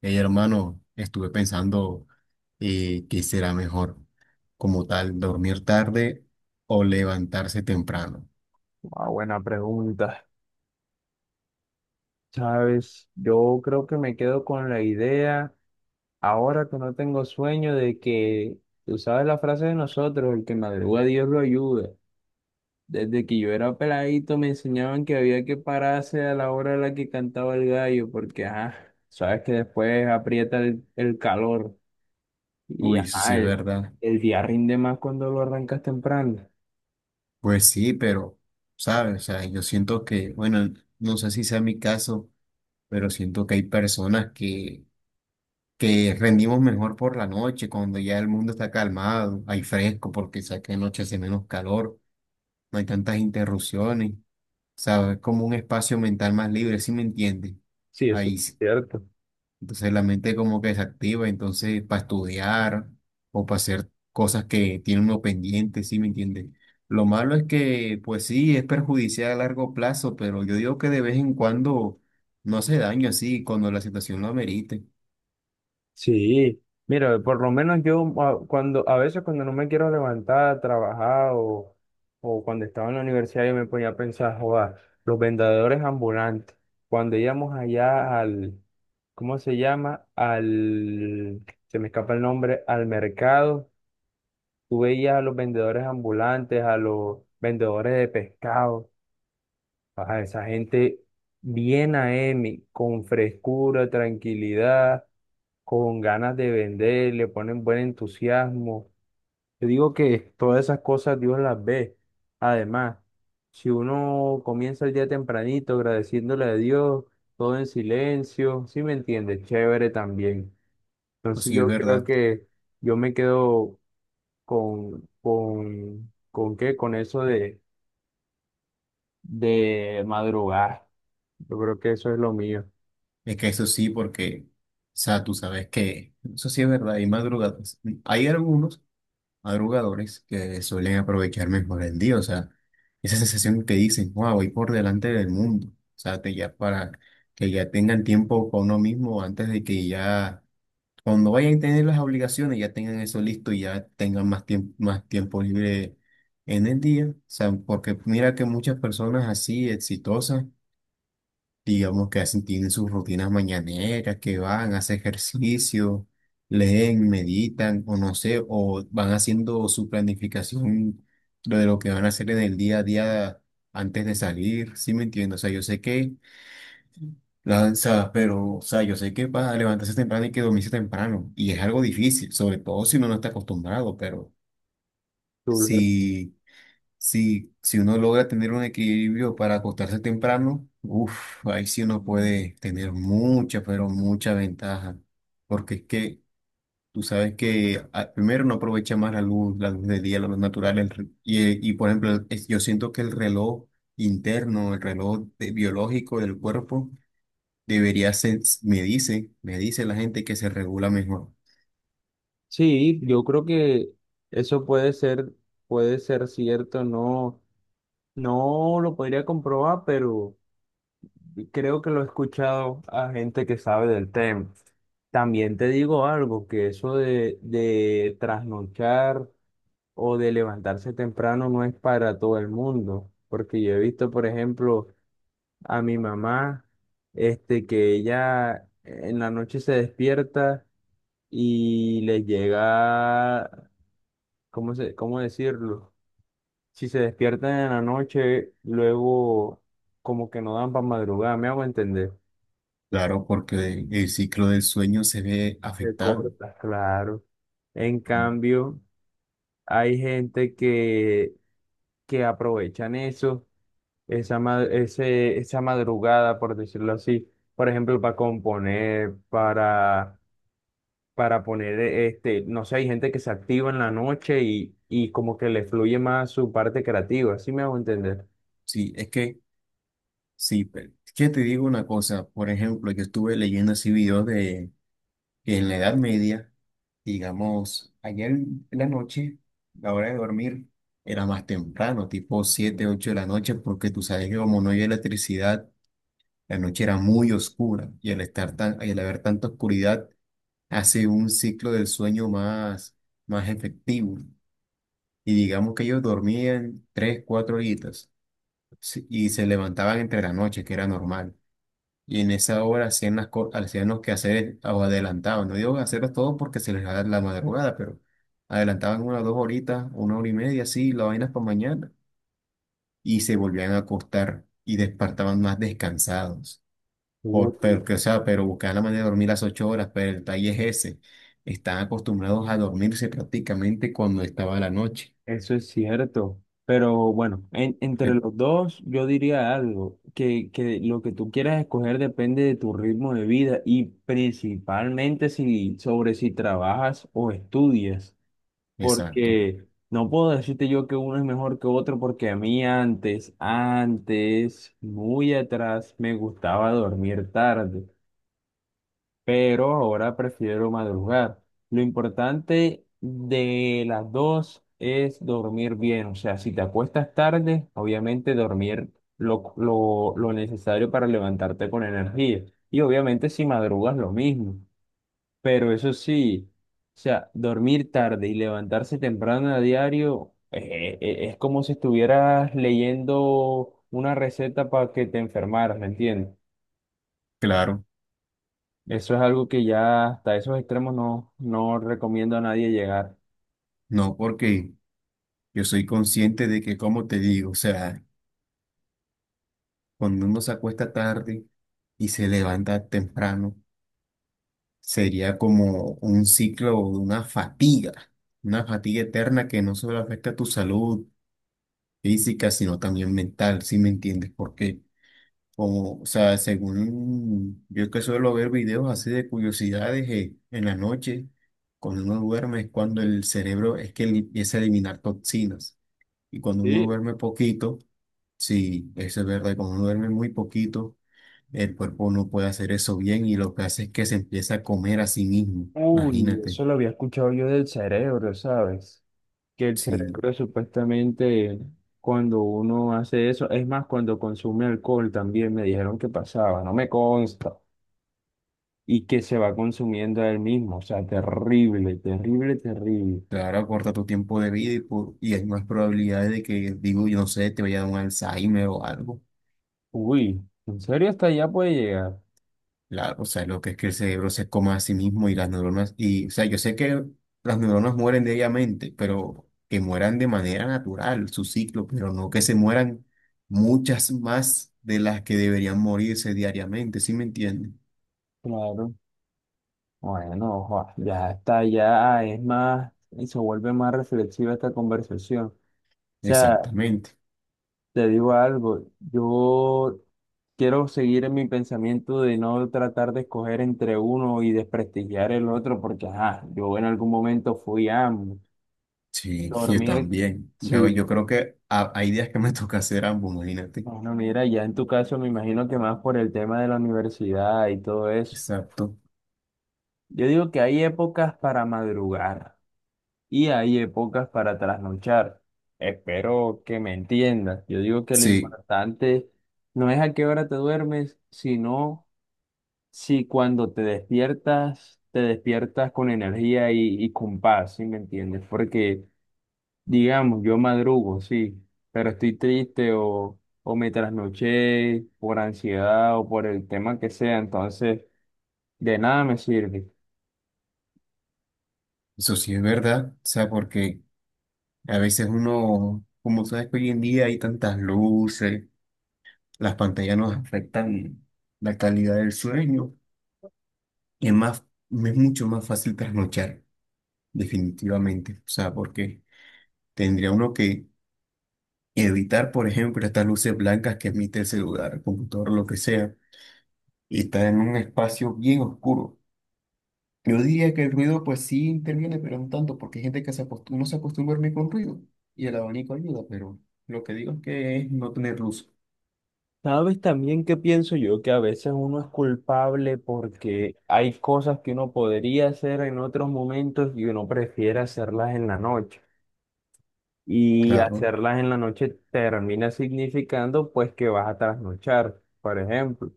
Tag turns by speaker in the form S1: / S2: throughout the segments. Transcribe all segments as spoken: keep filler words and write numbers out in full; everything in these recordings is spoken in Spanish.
S1: Hey, hermano, estuve pensando eh, qué será mejor, como tal, dormir tarde o levantarse temprano.
S2: Ah, buena pregunta. Sabes, yo creo que me quedo con la idea, ahora que no tengo sueño, de que, tú sabes la frase de nosotros, el que madruga Dios lo ayuda. Desde que yo era peladito me enseñaban que había que pararse a la hora a la que cantaba el gallo, porque, ajá, sabes que después aprieta el, el calor y,
S1: Uy, eso sí
S2: ajá,
S1: es
S2: el,
S1: verdad.
S2: el día rinde más cuando lo arrancas temprano.
S1: Pues sí, pero, ¿sabes? O sea, yo siento que, bueno, no sé si sea mi caso, pero siento que hay personas que, que rendimos mejor por la noche, cuando ya el mundo está calmado, hay fresco, porque sabes que de noche hace menos calor, no hay tantas interrupciones, ¿sabes? Es como un espacio mental más libre, ¿sí me entiendes?
S2: Sí, eso es
S1: Ahí, sí.
S2: cierto.
S1: Entonces la mente como que desactiva, entonces para estudiar o para hacer cosas que tiene uno pendiente, ¿sí me entiende? Lo malo es que, pues sí, es perjudicial a largo plazo, pero yo digo que de vez en cuando no hace daño así, cuando la situación lo amerite.
S2: Sí, mira, por lo menos yo a- cuando a veces cuando no me quiero levantar a trabajar o, o cuando estaba en la universidad yo me ponía a pensar, joder, los vendedores ambulantes, cuando íbamos allá al, ¿cómo se llama? Al, se me escapa el nombre, al mercado, tú veías a los vendedores ambulantes, a los vendedores de pescado, a esa gente bien A M, con frescura, tranquilidad con ganas de vender, le ponen buen entusiasmo. Yo digo que todas esas cosas Dios las ve. Además, si uno comienza el día tempranito agradeciéndole a Dios, todo en silencio, ¿sí me entiende? Chévere también.
S1: Pues
S2: Entonces
S1: sí, es
S2: yo creo
S1: verdad.
S2: que yo me quedo con, con, ¿con qué? Con eso de, de, madrugar. Yo creo que eso es lo mío.
S1: Es que eso sí, porque, o sea, tú sabes que eso sí es verdad, hay madrugadas. Hay algunos madrugadores que suelen aprovechar mejor el día, o sea, esa sensación que dicen, wow, voy por delante del mundo, o sea, te- ya para que ya tengan tiempo para uno mismo antes de que ya, cuando vayan a tener las obligaciones, ya tengan eso listo y ya tengan más tiempo, más tiempo libre en el día, o sea, porque mira que muchas personas así exitosas digamos que hacen, tienen sus rutinas mañaneras, que van, hacen ejercicio, leen, meditan, o no sé, o van haciendo su planificación de lo que van a hacer en el día a día antes de salir, ¿sí me entiendes? O sea, yo sé que, la, o sea, pero, o sea, yo sé que va a levantarse temprano y que dormirse temprano, y es algo difícil, sobre todo si uno no está acostumbrado, pero
S2: Tú,
S1: si... Si, si uno logra tener un equilibrio para acostarse temprano, uff, ahí sí uno puede tener mucha, pero mucha ventaja. Porque es que tú sabes que ah, primero no aprovecha más la luz, la luz del día, la luz natural. el re- y, eh, y por ejemplo, el- es- yo siento que el reloj interno, el reloj de- biológico del cuerpo, debería ser, me dice, me dice la gente que se regula mejor.
S2: sí, yo creo que eso puede ser, puede ser cierto, no, no lo podría comprobar, pero creo que lo he escuchado a gente que sabe del tema. También te digo algo, que eso de, de trasnochar o de levantarse temprano no es para todo el mundo, porque yo he visto, por ejemplo, a mi mamá, este, que ella en la noche se despierta y le llega ¿cómo se, cómo decirlo? Si se despiertan en la noche, luego como que no dan para madrugar, me hago entender.
S1: Claro, porque el ciclo del sueño se ve
S2: Se
S1: afectado.
S2: corta, claro. En cambio, hay gente que, que aprovechan eso, esa, ma- ese, esa madrugada, por decirlo así, por ejemplo, para componer, para, para, poner, e-, este, no sé, hay gente que se activa en la noche y, y como que le fluye más su parte creativa, ¿sí me hago entender?
S1: Sí, es que. Sí, pero es que te digo una cosa, por ejemplo, yo estuve leyendo así videos de que en la Edad Media, digamos, ayer en la noche, la hora de dormir era más temprano, tipo siete ocho de la noche, porque tú sabes que como no había electricidad, la noche era muy oscura y al estar tan, y al haber tanta oscuridad hace un ciclo del sueño más, más efectivo. Y digamos que ellos dormían tres cuatro horitas sí, y se levantaban entre la noche, que era normal. Y en esa hora hacían, las, co- hacían los quehaceres o adelantaban. No digo hacerlas todo porque se les da la madrugada, pero adelantaban una dos horitas, una hora y media, así, la vaina para mañana. Y se volvían a acostar y despertaban más descansados. Por,
S2: Uh.
S1: pero, que, o sea, pero buscaban la manera de dormir las ocho horas, pero el detalle es ese. Están acostumbrados a dormirse prácticamente cuando estaba la noche.
S2: Eso es cierto, pero bueno, en- entre
S1: Eh,
S2: los dos yo diría algo, que, que lo que tú quieras escoger depende de tu ritmo de vida y principalmente si, sobre si trabajas o estudias,
S1: Exacto,
S2: porque no puedo decirte yo que uno es mejor que otro porque a mí antes, antes, muy atrás, me gustaba dormir tarde pero ahora prefiero madrugar. Lo importante de las dos es dormir bien, o sea, si te acuestas tarde, obviamente dormir lo, lo, lo necesario para levantarte con energía. Y obviamente si madrugas lo mismo, pero eso sí, o sea, dormir tarde y levantarse temprano a diario eh, eh, es como si estuvieras leyendo una receta para que te enfermaras, ¿me entiendes?
S1: claro.
S2: Eso es algo que ya hasta esos extremos no, no recomiendo a nadie llegar.
S1: No, porque yo soy consciente de que, como te digo, o sea, cuando uno se acuesta tarde, y se levanta temprano, sería como un ciclo de una fatiga, una fatiga eterna que no solo afecta a tu salud física, sino también mental, ¿si me entiendes? Porque, como, o sea, según yo que suelo ver videos así de curiosidades eh, en la noche, cuando uno duerme es cuando el cerebro es que li- empieza a eliminar toxinas. Y cuando uno
S2: Sí.
S1: duerme poquito, sí, eso es verdad, cuando uno duerme muy poquito, el cuerpo no puede hacer eso bien y lo que hace es que se empieza a comer a sí mismo.
S2: Uy,
S1: Imagínate,
S2: eso lo había escuchado yo del cerebro, ¿sabes? Que el
S1: si
S2: cerebro supuestamente cuando uno hace eso, es más, cuando consume alcohol también me dijeron que pasaba, no me consta, y que se va consumiendo a él mismo, o sea, terrible, terrible, terrible.
S1: claro, acorta tu tiempo de vida y, por- y hay más probabilidades de que, digo, yo no sé, te vaya a dar un Alzheimer o algo.
S2: Uy, ¿en serio hasta allá puede llegar?
S1: Claro, o sea, lo que es que el cerebro se coma a sí mismo y las neuronas, y, o sea, yo sé que las neuronas mueren diariamente, pero que mueran de manera natural, su ciclo, pero no que se mueran muchas más de las que deberían morirse diariamente, ¿sí me entienden?
S2: Claro. Bueno, joa, ya está, ya es más, y se vuelve más reflexiva esta conversación. O sea,
S1: Exactamente.
S2: te digo algo, yo quiero seguir en mi pensamiento de no tratar de escoger entre uno y desprestigiar el otro, porque ajá, yo en algún momento fui a
S1: Sí, yo
S2: dormir,
S1: también. Yo,
S2: sí.
S1: yo creo que ha- hay días que me toca hacer ambos, imagínate.
S2: Bueno, mira, ya en tu caso me imagino que más por el tema de la universidad y todo eso.
S1: Exacto.
S2: Yo digo que hay épocas para madrugar y hay épocas para trasnochar. Espero que me entiendas. Yo digo que lo
S1: Sí,
S2: importante no es a qué hora te duermes, sino si cuando te despiertas, te despiertas con energía y, y con paz, ¿sí me entiendes? Porque, digamos, yo madrugo, sí, pero estoy triste o, o me trasnoché por ansiedad o por el tema que sea, entonces de nada me sirve.
S1: eso sí es verdad. O sea, porque a veces uno, como sabes que hoy en día hay tantas luces, las pantallas nos afectan la calidad del sueño. Es más, me es mucho más fácil trasnochar, definitivamente. O sea, porque tendría uno que evitar, por ejemplo, estas luces blancas que emite el celular, el computador, lo que sea, y estar en un espacio bien oscuro. Yo diría que el ruido pues sí interviene, pero no tanto, porque hay gente que se acostu- no se acostumbra a dormir con ruido y el abanico ayuda, pero lo que digo es que es no tener luz.
S2: Sabes también que pienso yo que a veces uno es culpable porque hay cosas que uno podría hacer en otros momentos y uno prefiere hacerlas en la noche. Y
S1: Claro.
S2: hacerlas en la noche termina significando pues que vas a trasnochar, por ejemplo.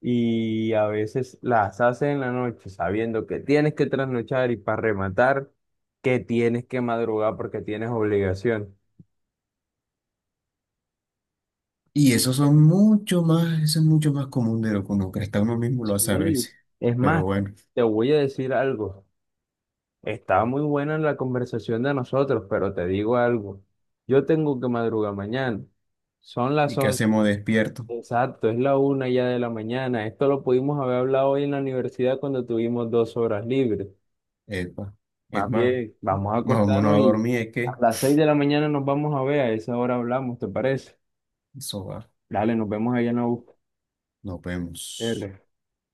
S2: Y a veces las haces en la noche sabiendo que tienes que trasnochar y para rematar que tienes que madrugar porque tienes obligación.
S1: Y eso son mucho más, eso es mucho más común de lo que uno cree. Hasta uno mismo lo hace a
S2: Sí,
S1: veces.
S2: es
S1: Pero
S2: más,
S1: bueno,
S2: te voy a decir algo. Estaba muy buena la conversación de nosotros, pero te digo algo. Yo tengo que madrugar mañana. Son las
S1: ¿y qué
S2: once.
S1: hacemos despierto?
S2: Exacto, es la una ya de la mañana. Esto lo pudimos haber hablado hoy en la universidad cuando tuvimos dos horas libres.
S1: Epa. Es
S2: Más
S1: más,
S2: bien, vamos a
S1: nos vámonos a
S2: acostarnos y
S1: dormir, es
S2: a
S1: que
S2: las seis de la mañana nos vamos a ver. A esa hora hablamos, ¿te parece?
S1: eso va.
S2: Dale, nos vemos allá en la U.
S1: Nos vemos.
S2: R.